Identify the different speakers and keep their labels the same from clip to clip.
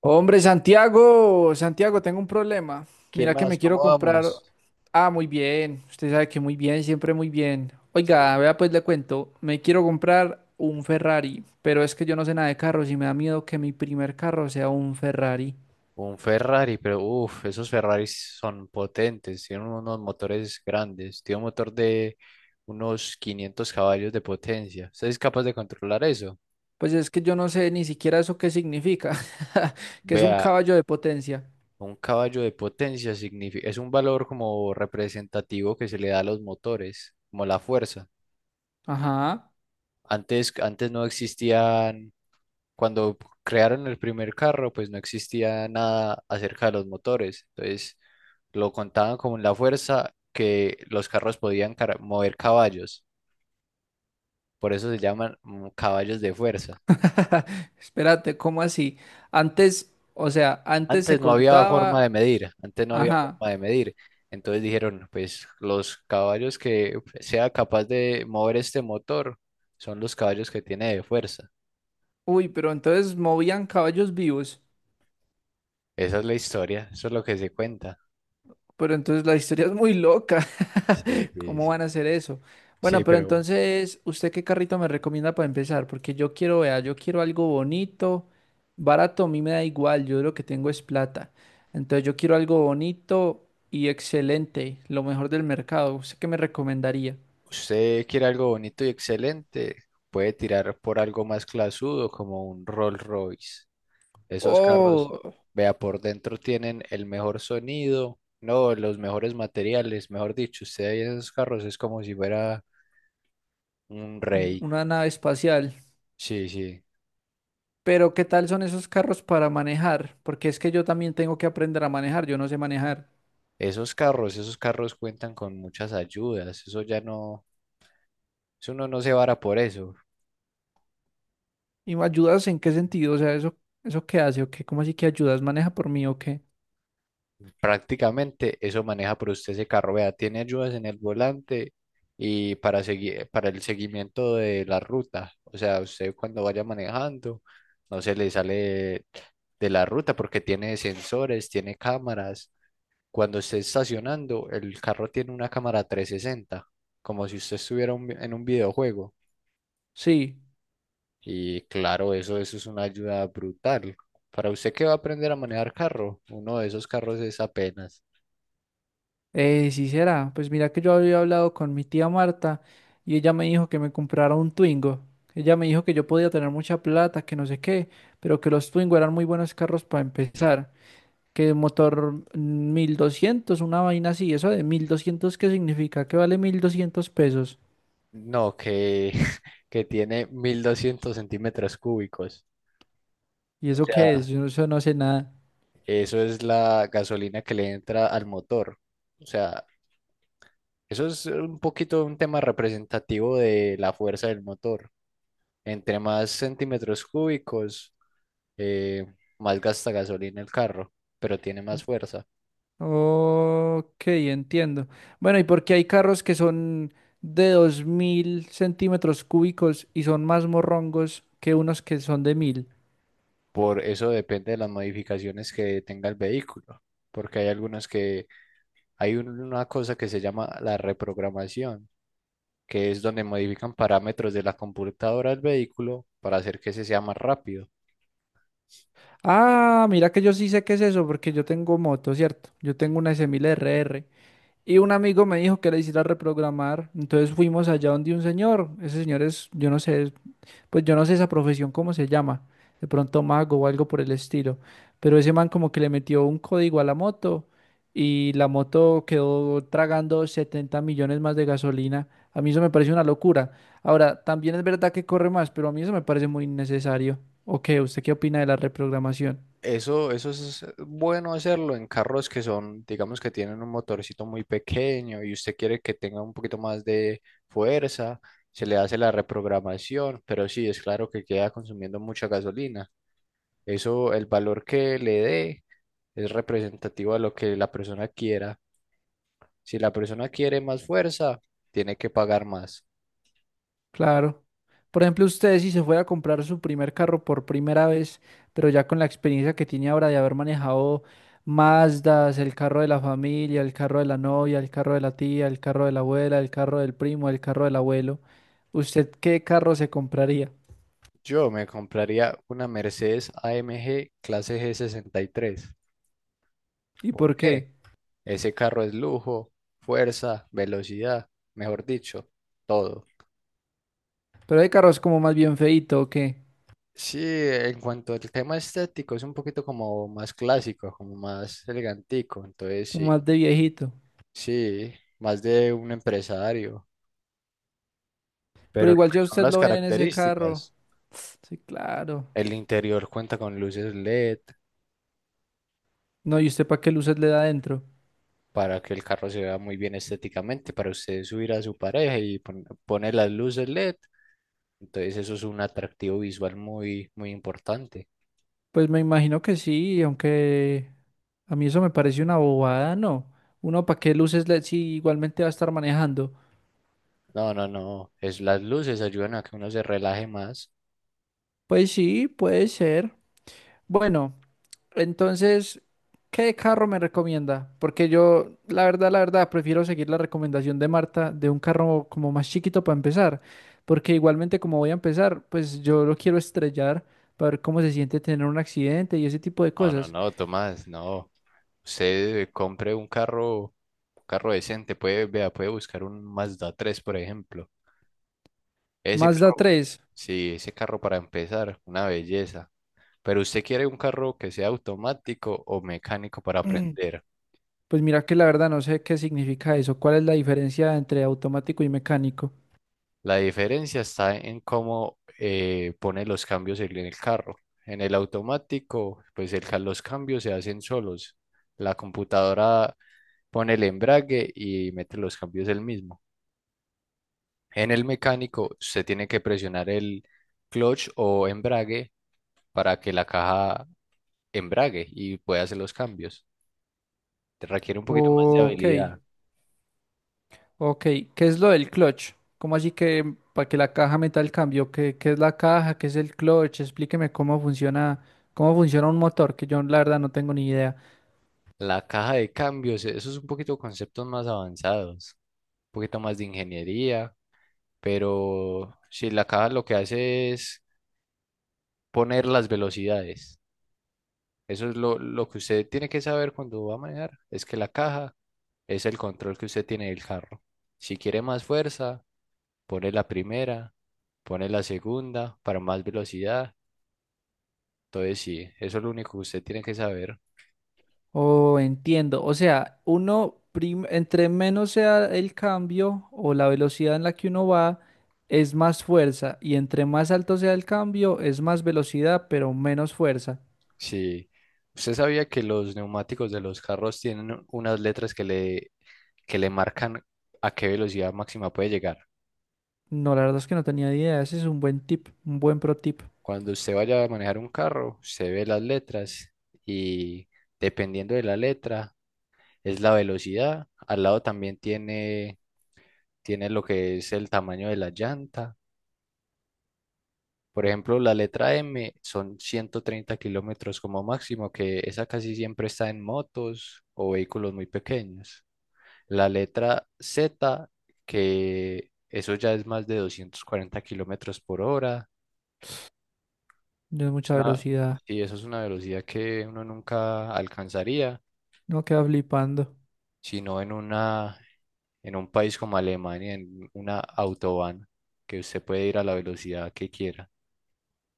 Speaker 1: Hombre, Santiago, Santiago, tengo un problema.
Speaker 2: ¿Qué
Speaker 1: Mira que
Speaker 2: más?
Speaker 1: me quiero
Speaker 2: ¿Cómo
Speaker 1: comprar.
Speaker 2: vamos?
Speaker 1: Ah, muy bien. Usted sabe que muy bien, siempre muy bien.
Speaker 2: Sí.
Speaker 1: Oiga, vea, pues le cuento. Me quiero comprar un Ferrari, pero es que yo no sé nada de carros y me da miedo que mi primer carro sea un Ferrari.
Speaker 2: Un Ferrari, pero uff, esos Ferraris son potentes, tienen unos motores grandes, tiene un motor de unos 500 caballos de potencia. ¿Usted es capaz de controlar eso?
Speaker 1: Pues es que yo no sé ni siquiera eso qué significa, que es un
Speaker 2: Vea,
Speaker 1: caballo de potencia.
Speaker 2: un caballo de potencia significa, es un valor como representativo que se le da a los motores, como la fuerza.
Speaker 1: Ajá.
Speaker 2: Antes no existían. Cuando crearon el primer carro, pues no existía nada acerca de los motores. Entonces lo contaban como la fuerza que los carros podían mover caballos. Por eso se llaman caballos de fuerza.
Speaker 1: Espérate, ¿cómo así? Antes, o sea, antes se
Speaker 2: Antes no había forma
Speaker 1: contaba.
Speaker 2: de medir, antes no había
Speaker 1: Ajá.
Speaker 2: forma de medir. Entonces dijeron, pues los caballos que sea capaz de mover este motor son los caballos que tiene de fuerza.
Speaker 1: Uy, pero entonces movían caballos vivos.
Speaker 2: Esa es la historia, eso es lo que se cuenta.
Speaker 1: Pero entonces la historia es muy loca.
Speaker 2: Sí, sí,
Speaker 1: ¿Cómo
Speaker 2: sí.
Speaker 1: van a hacer eso? Bueno,
Speaker 2: Sí,
Speaker 1: pero
Speaker 2: pero
Speaker 1: entonces, ¿usted qué carrito me recomienda para empezar? Porque yo quiero, vea, yo quiero algo bonito, barato, a mí me da igual, yo lo que tengo es plata. Entonces yo quiero algo bonito y excelente, lo mejor del mercado. ¿Usted qué me recomendaría?
Speaker 2: usted quiere algo bonito y excelente, puede tirar por algo más clasudo como un Rolls Royce. Esos carros,
Speaker 1: Oh,
Speaker 2: vea, por dentro tienen el mejor sonido, no, los mejores materiales, mejor dicho, usted ahí en esos carros es como si fuera un rey.
Speaker 1: una nave espacial.
Speaker 2: Sí, sí.
Speaker 1: Pero ¿qué tal son esos carros para manejar? Porque es que yo también tengo que aprender a manejar, yo no sé manejar.
Speaker 2: Esos carros cuentan con muchas ayudas, eso ya no, eso uno no se vara por eso.
Speaker 1: ¿Y me ayudas en qué sentido? O sea, ¿eso, eso qué hace o qué? ¿Cómo así que ayudas? ¿Maneja por mí o qué?
Speaker 2: Prácticamente eso maneja por usted ese carro. Vea, tiene ayudas en el volante y para el seguimiento de la ruta. O sea, usted cuando vaya manejando no se le sale de la ruta porque tiene sensores, tiene cámaras. Cuando esté estacionando, el carro tiene una cámara 360, como si usted estuviera en un videojuego.
Speaker 1: Sí,
Speaker 2: Y claro, eso es una ayuda brutal. Para usted que va a aprender a manejar carro, uno de esos carros es apenas.
Speaker 1: sí será. Pues mira que yo había hablado con mi tía Marta y ella me dijo que me comprara un Twingo. Ella me dijo que yo podía tener mucha plata, que no sé qué, pero que los Twingo eran muy buenos carros para empezar. Que motor 1.200, una vaina así. ¿Eso de 1.200, qué significa? Que vale 1.200 pesos.
Speaker 2: No, que, que tiene 1200 centímetros cúbicos.
Speaker 1: ¿Y
Speaker 2: O
Speaker 1: eso qué es?
Speaker 2: sea,
Speaker 1: Yo no, eso no sé nada.
Speaker 2: eso es la gasolina que le entra al motor. O sea, eso es un poquito un tema representativo de la fuerza del motor. Entre más centímetros cúbicos, eh, más gasta gasolina el carro, pero tiene más fuerza.
Speaker 1: Ok, entiendo. Bueno, ¿y por qué hay carros que son de 2.000 centímetros cúbicos y son más morrongos que unos que son de mil?
Speaker 2: Por eso depende de las modificaciones que tenga el vehículo. Porque hay algunos que, hay una cosa que se llama la reprogramación, que es donde modifican parámetros de la computadora del vehículo para hacer que ese sea más rápido.
Speaker 1: Ah, mira que yo sí sé qué es eso, porque yo tengo moto, ¿cierto? Yo tengo una S1000RR. Y un amigo me dijo que la hiciera reprogramar. Entonces fuimos allá donde un señor. Ese señor es, yo no sé. Pues yo no sé esa profesión cómo se llama, de pronto mago o algo por el estilo, pero ese man como que le metió un código a la moto y la moto quedó tragando 70 millones más de gasolina. A mí eso me parece una locura. Ahora, también es verdad que corre más, pero a mí eso me parece muy innecesario. ¿O qué? ¿Usted qué opina de la reprogramación?
Speaker 2: Eso es bueno hacerlo en carros que son, digamos que tienen un motorcito muy pequeño y usted quiere que tenga un poquito más de fuerza, se le hace la reprogramación, pero sí, es claro que queda consumiendo mucha gasolina. Eso, el valor que le dé es representativo a lo que la persona quiera. Si la persona quiere más fuerza, tiene que pagar más.
Speaker 1: Claro. Por ejemplo, usted si se fuera a comprar su primer carro por primera vez, pero ya con la experiencia que tiene ahora de haber manejado Mazdas, el carro de la familia, el carro de la novia, el carro de la tía, el carro de la abuela, el carro del primo, el carro del abuelo, ¿usted qué carro se compraría?
Speaker 2: Yo me compraría una Mercedes AMG clase G63.
Speaker 1: ¿Y
Speaker 2: ¿Por
Speaker 1: por
Speaker 2: qué?
Speaker 1: qué?
Speaker 2: Ese carro es lujo, fuerza, velocidad, mejor dicho, todo.
Speaker 1: Pero hay carros como más bien feíto o qué,
Speaker 2: Sí, en cuanto al tema estético, es un poquito como más clásico, como más elegantico. Entonces,
Speaker 1: como
Speaker 2: sí,
Speaker 1: más de viejito.
Speaker 2: sí, más de un empresario.
Speaker 1: Pero
Speaker 2: Pero lo
Speaker 1: igual
Speaker 2: que
Speaker 1: ya
Speaker 2: son
Speaker 1: usted
Speaker 2: las
Speaker 1: lo ven en ese carro.
Speaker 2: características,
Speaker 1: Sí, claro.
Speaker 2: el interior cuenta con luces LED,
Speaker 1: No, ¿y usted para qué luces le da adentro?
Speaker 2: para que el carro se vea muy bien estéticamente, para usted subir a su pareja y pone las luces LED. Entonces eso es un atractivo visual muy importante.
Speaker 1: Pues me imagino que sí, aunque a mí eso me parece una bobada, ¿no? Uno, ¿para qué luces LED si igualmente va a estar manejando?
Speaker 2: No, no, no, es las luces ayudan a que uno se relaje más.
Speaker 1: Pues sí, puede ser. Bueno, entonces, ¿qué carro me recomienda? Porque yo, la verdad, prefiero seguir la recomendación de Marta de un carro como más chiquito para empezar. Porque igualmente como voy a empezar, pues yo lo quiero estrellar para ver cómo se siente tener un accidente y ese tipo de
Speaker 2: No, no,
Speaker 1: cosas.
Speaker 2: no, Tomás, no. Usted compre un carro decente, puede, vea, puede buscar un Mazda tres por ejemplo. Ese
Speaker 1: Mazda
Speaker 2: carro,
Speaker 1: tres.
Speaker 2: sí, ese carro para empezar, una belleza. Pero usted quiere un carro que sea automático o mecánico para aprender.
Speaker 1: Pues mira que la verdad no sé qué significa eso. ¿Cuál es la diferencia entre automático y mecánico?
Speaker 2: La diferencia está en cómo pone los cambios en el carro. En el automático, pues los cambios se hacen solos. La computadora pone el embrague y mete los cambios él mismo. En el mecánico, se tiene que presionar el clutch o embrague para que la caja embrague y pueda hacer los cambios. Te requiere un poquito más de
Speaker 1: Ok,
Speaker 2: habilidad.
Speaker 1: ok. ¿Qué es lo del clutch? ¿Cómo así que para que la caja meta el cambio? ¿Qué es la caja? ¿Qué es el clutch? Explíqueme cómo funciona un motor, que yo la verdad no tengo ni idea.
Speaker 2: La caja de cambios, eso es un poquito conceptos más avanzados, un poquito más de ingeniería, pero si la caja lo que hace es poner las velocidades. Eso es lo que usted tiene que saber cuando va a manejar, es que la caja es el control que usted tiene del carro. Si quiere más fuerza, pone la primera, pone la segunda para más velocidad. Entonces sí, eso es lo único que usted tiene que saber.
Speaker 1: Oh, entiendo. O sea, entre menos sea el cambio o la velocidad en la que uno va, es más fuerza. Y entre más alto sea el cambio, es más velocidad, pero menos fuerza.
Speaker 2: Si usted sabía que los neumáticos de los carros tienen unas letras que le marcan a qué velocidad máxima puede llegar.
Speaker 1: No, la verdad es que no tenía ni idea. Ese es un buen tip, un buen pro tip.
Speaker 2: Cuando usted vaya a manejar un carro, usted ve las letras y dependiendo de la letra es la velocidad. Al lado también tiene lo que es el tamaño de la llanta. Por ejemplo, la letra M son 130 kilómetros como máximo, que esa casi siempre está en motos o vehículos muy pequeños. La letra Z, que eso ya es más de 240 kilómetros por hora.
Speaker 1: No es
Speaker 2: Es
Speaker 1: mucha
Speaker 2: una,
Speaker 1: velocidad.
Speaker 2: sí, eso es una velocidad que uno nunca alcanzaría,
Speaker 1: No queda flipando.
Speaker 2: sino en un país como Alemania, en una autobahn, que usted puede ir a la velocidad que quiera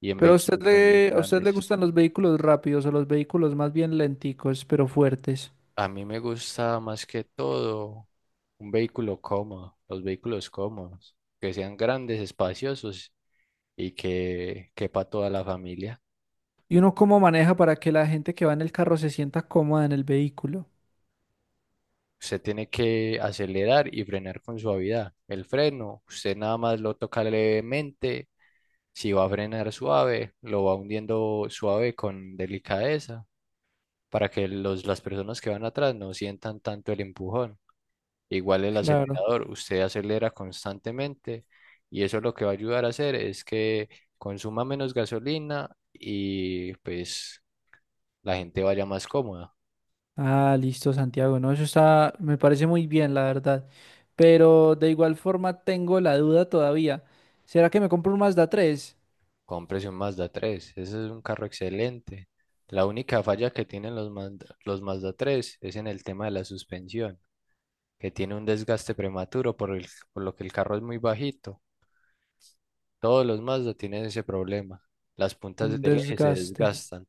Speaker 2: y en
Speaker 1: Pero
Speaker 2: vehículos muy
Speaker 1: a usted le
Speaker 2: grandes.
Speaker 1: gustan los vehículos rápidos o los vehículos más bien lenticos, pero fuertes.
Speaker 2: A mí me gusta más que todo un vehículo cómodo, los vehículos cómodos, que sean grandes, espaciosos y que quepa toda la familia.
Speaker 1: ¿Y uno cómo maneja para que la gente que va en el carro se sienta cómoda en el vehículo?
Speaker 2: Usted tiene que acelerar y frenar con suavidad. El freno, usted nada más lo toca levemente. Si va a frenar suave, lo va hundiendo suave con delicadeza para que las personas que van atrás no sientan tanto el empujón. Igual el
Speaker 1: Claro.
Speaker 2: acelerador, usted acelera constantemente y eso lo que va a ayudar a hacer es que consuma menos gasolina y pues la gente vaya más cómoda.
Speaker 1: Ah, listo, Santiago. No, eso está, me parece muy bien, la verdad. Pero de igual forma tengo la duda todavía. ¿Será que me compro un Mazda tres?
Speaker 2: Cómprese un Mazda 3, ese es un carro excelente. La única falla que tienen los Mazda 3 es en el tema de la suspensión, que tiene un desgaste prematuro por lo que el carro es muy bajito. Todos los Mazda tienen ese problema. Las
Speaker 1: Un
Speaker 2: puntas del eje se
Speaker 1: desgaste.
Speaker 2: desgastan.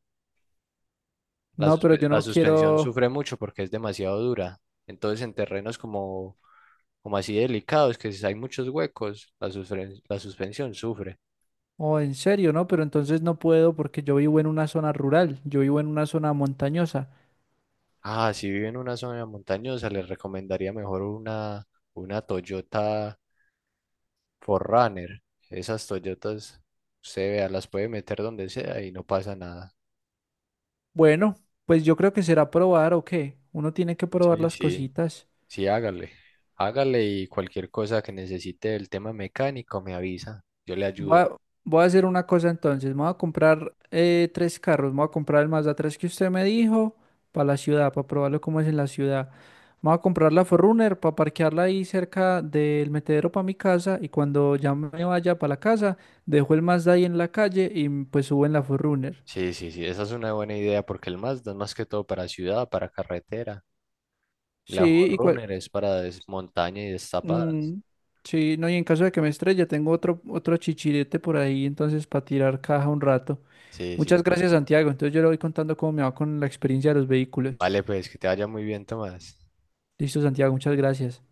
Speaker 1: No, pero yo
Speaker 2: La
Speaker 1: no
Speaker 2: suspensión
Speaker 1: quiero.
Speaker 2: sufre mucho porque es demasiado dura. Entonces, en como así delicados, que si hay muchos huecos, la suspensión sufre.
Speaker 1: Oh, en serio, ¿no? Pero entonces no puedo porque yo vivo en una zona rural, yo vivo en una zona montañosa.
Speaker 2: Ah, si vive en una zona montañosa, les recomendaría una Toyota 4Runner. Esas Toyotas, usted vea, las puede meter donde sea y no pasa nada.
Speaker 1: Bueno, pues yo creo que será probar o qué. Uno tiene que probar
Speaker 2: Sí,
Speaker 1: las
Speaker 2: sí.
Speaker 1: cositas.
Speaker 2: Sí, hágale. Hágale y cualquier cosa que necesite del tema mecánico me avisa. Yo le
Speaker 1: Voy
Speaker 2: ayudo.
Speaker 1: a, voy a hacer una cosa entonces. Me voy a comprar tres carros. Me voy a comprar el Mazda tres que usted me dijo para la ciudad, para probarlo cómo es en la ciudad. Me voy a comprar la Forerunner para parquearla ahí cerca del metedero para mi casa. Y cuando ya me vaya para la casa, dejo el Mazda ahí en la calle y pues subo en la Forerunner.
Speaker 2: Sí, sí, sí, esa es una buena idea porque el Mazda es más que todo para ciudad, para carretera. Y la
Speaker 1: Sí, ¿y cua-
Speaker 2: Forerunner es para montaña y destapadas.
Speaker 1: Mm, sí, no, y en caso de que me estrelle, tengo otro, otro chichirete por ahí, entonces para tirar caja un rato.
Speaker 2: Sí,
Speaker 1: Muchas
Speaker 2: sí.
Speaker 1: gracias, Santiago. Entonces yo le voy contando cómo me va con la experiencia de los vehículos.
Speaker 2: Vale, pues que te vaya muy bien, Tomás.
Speaker 1: Listo, Santiago, muchas gracias.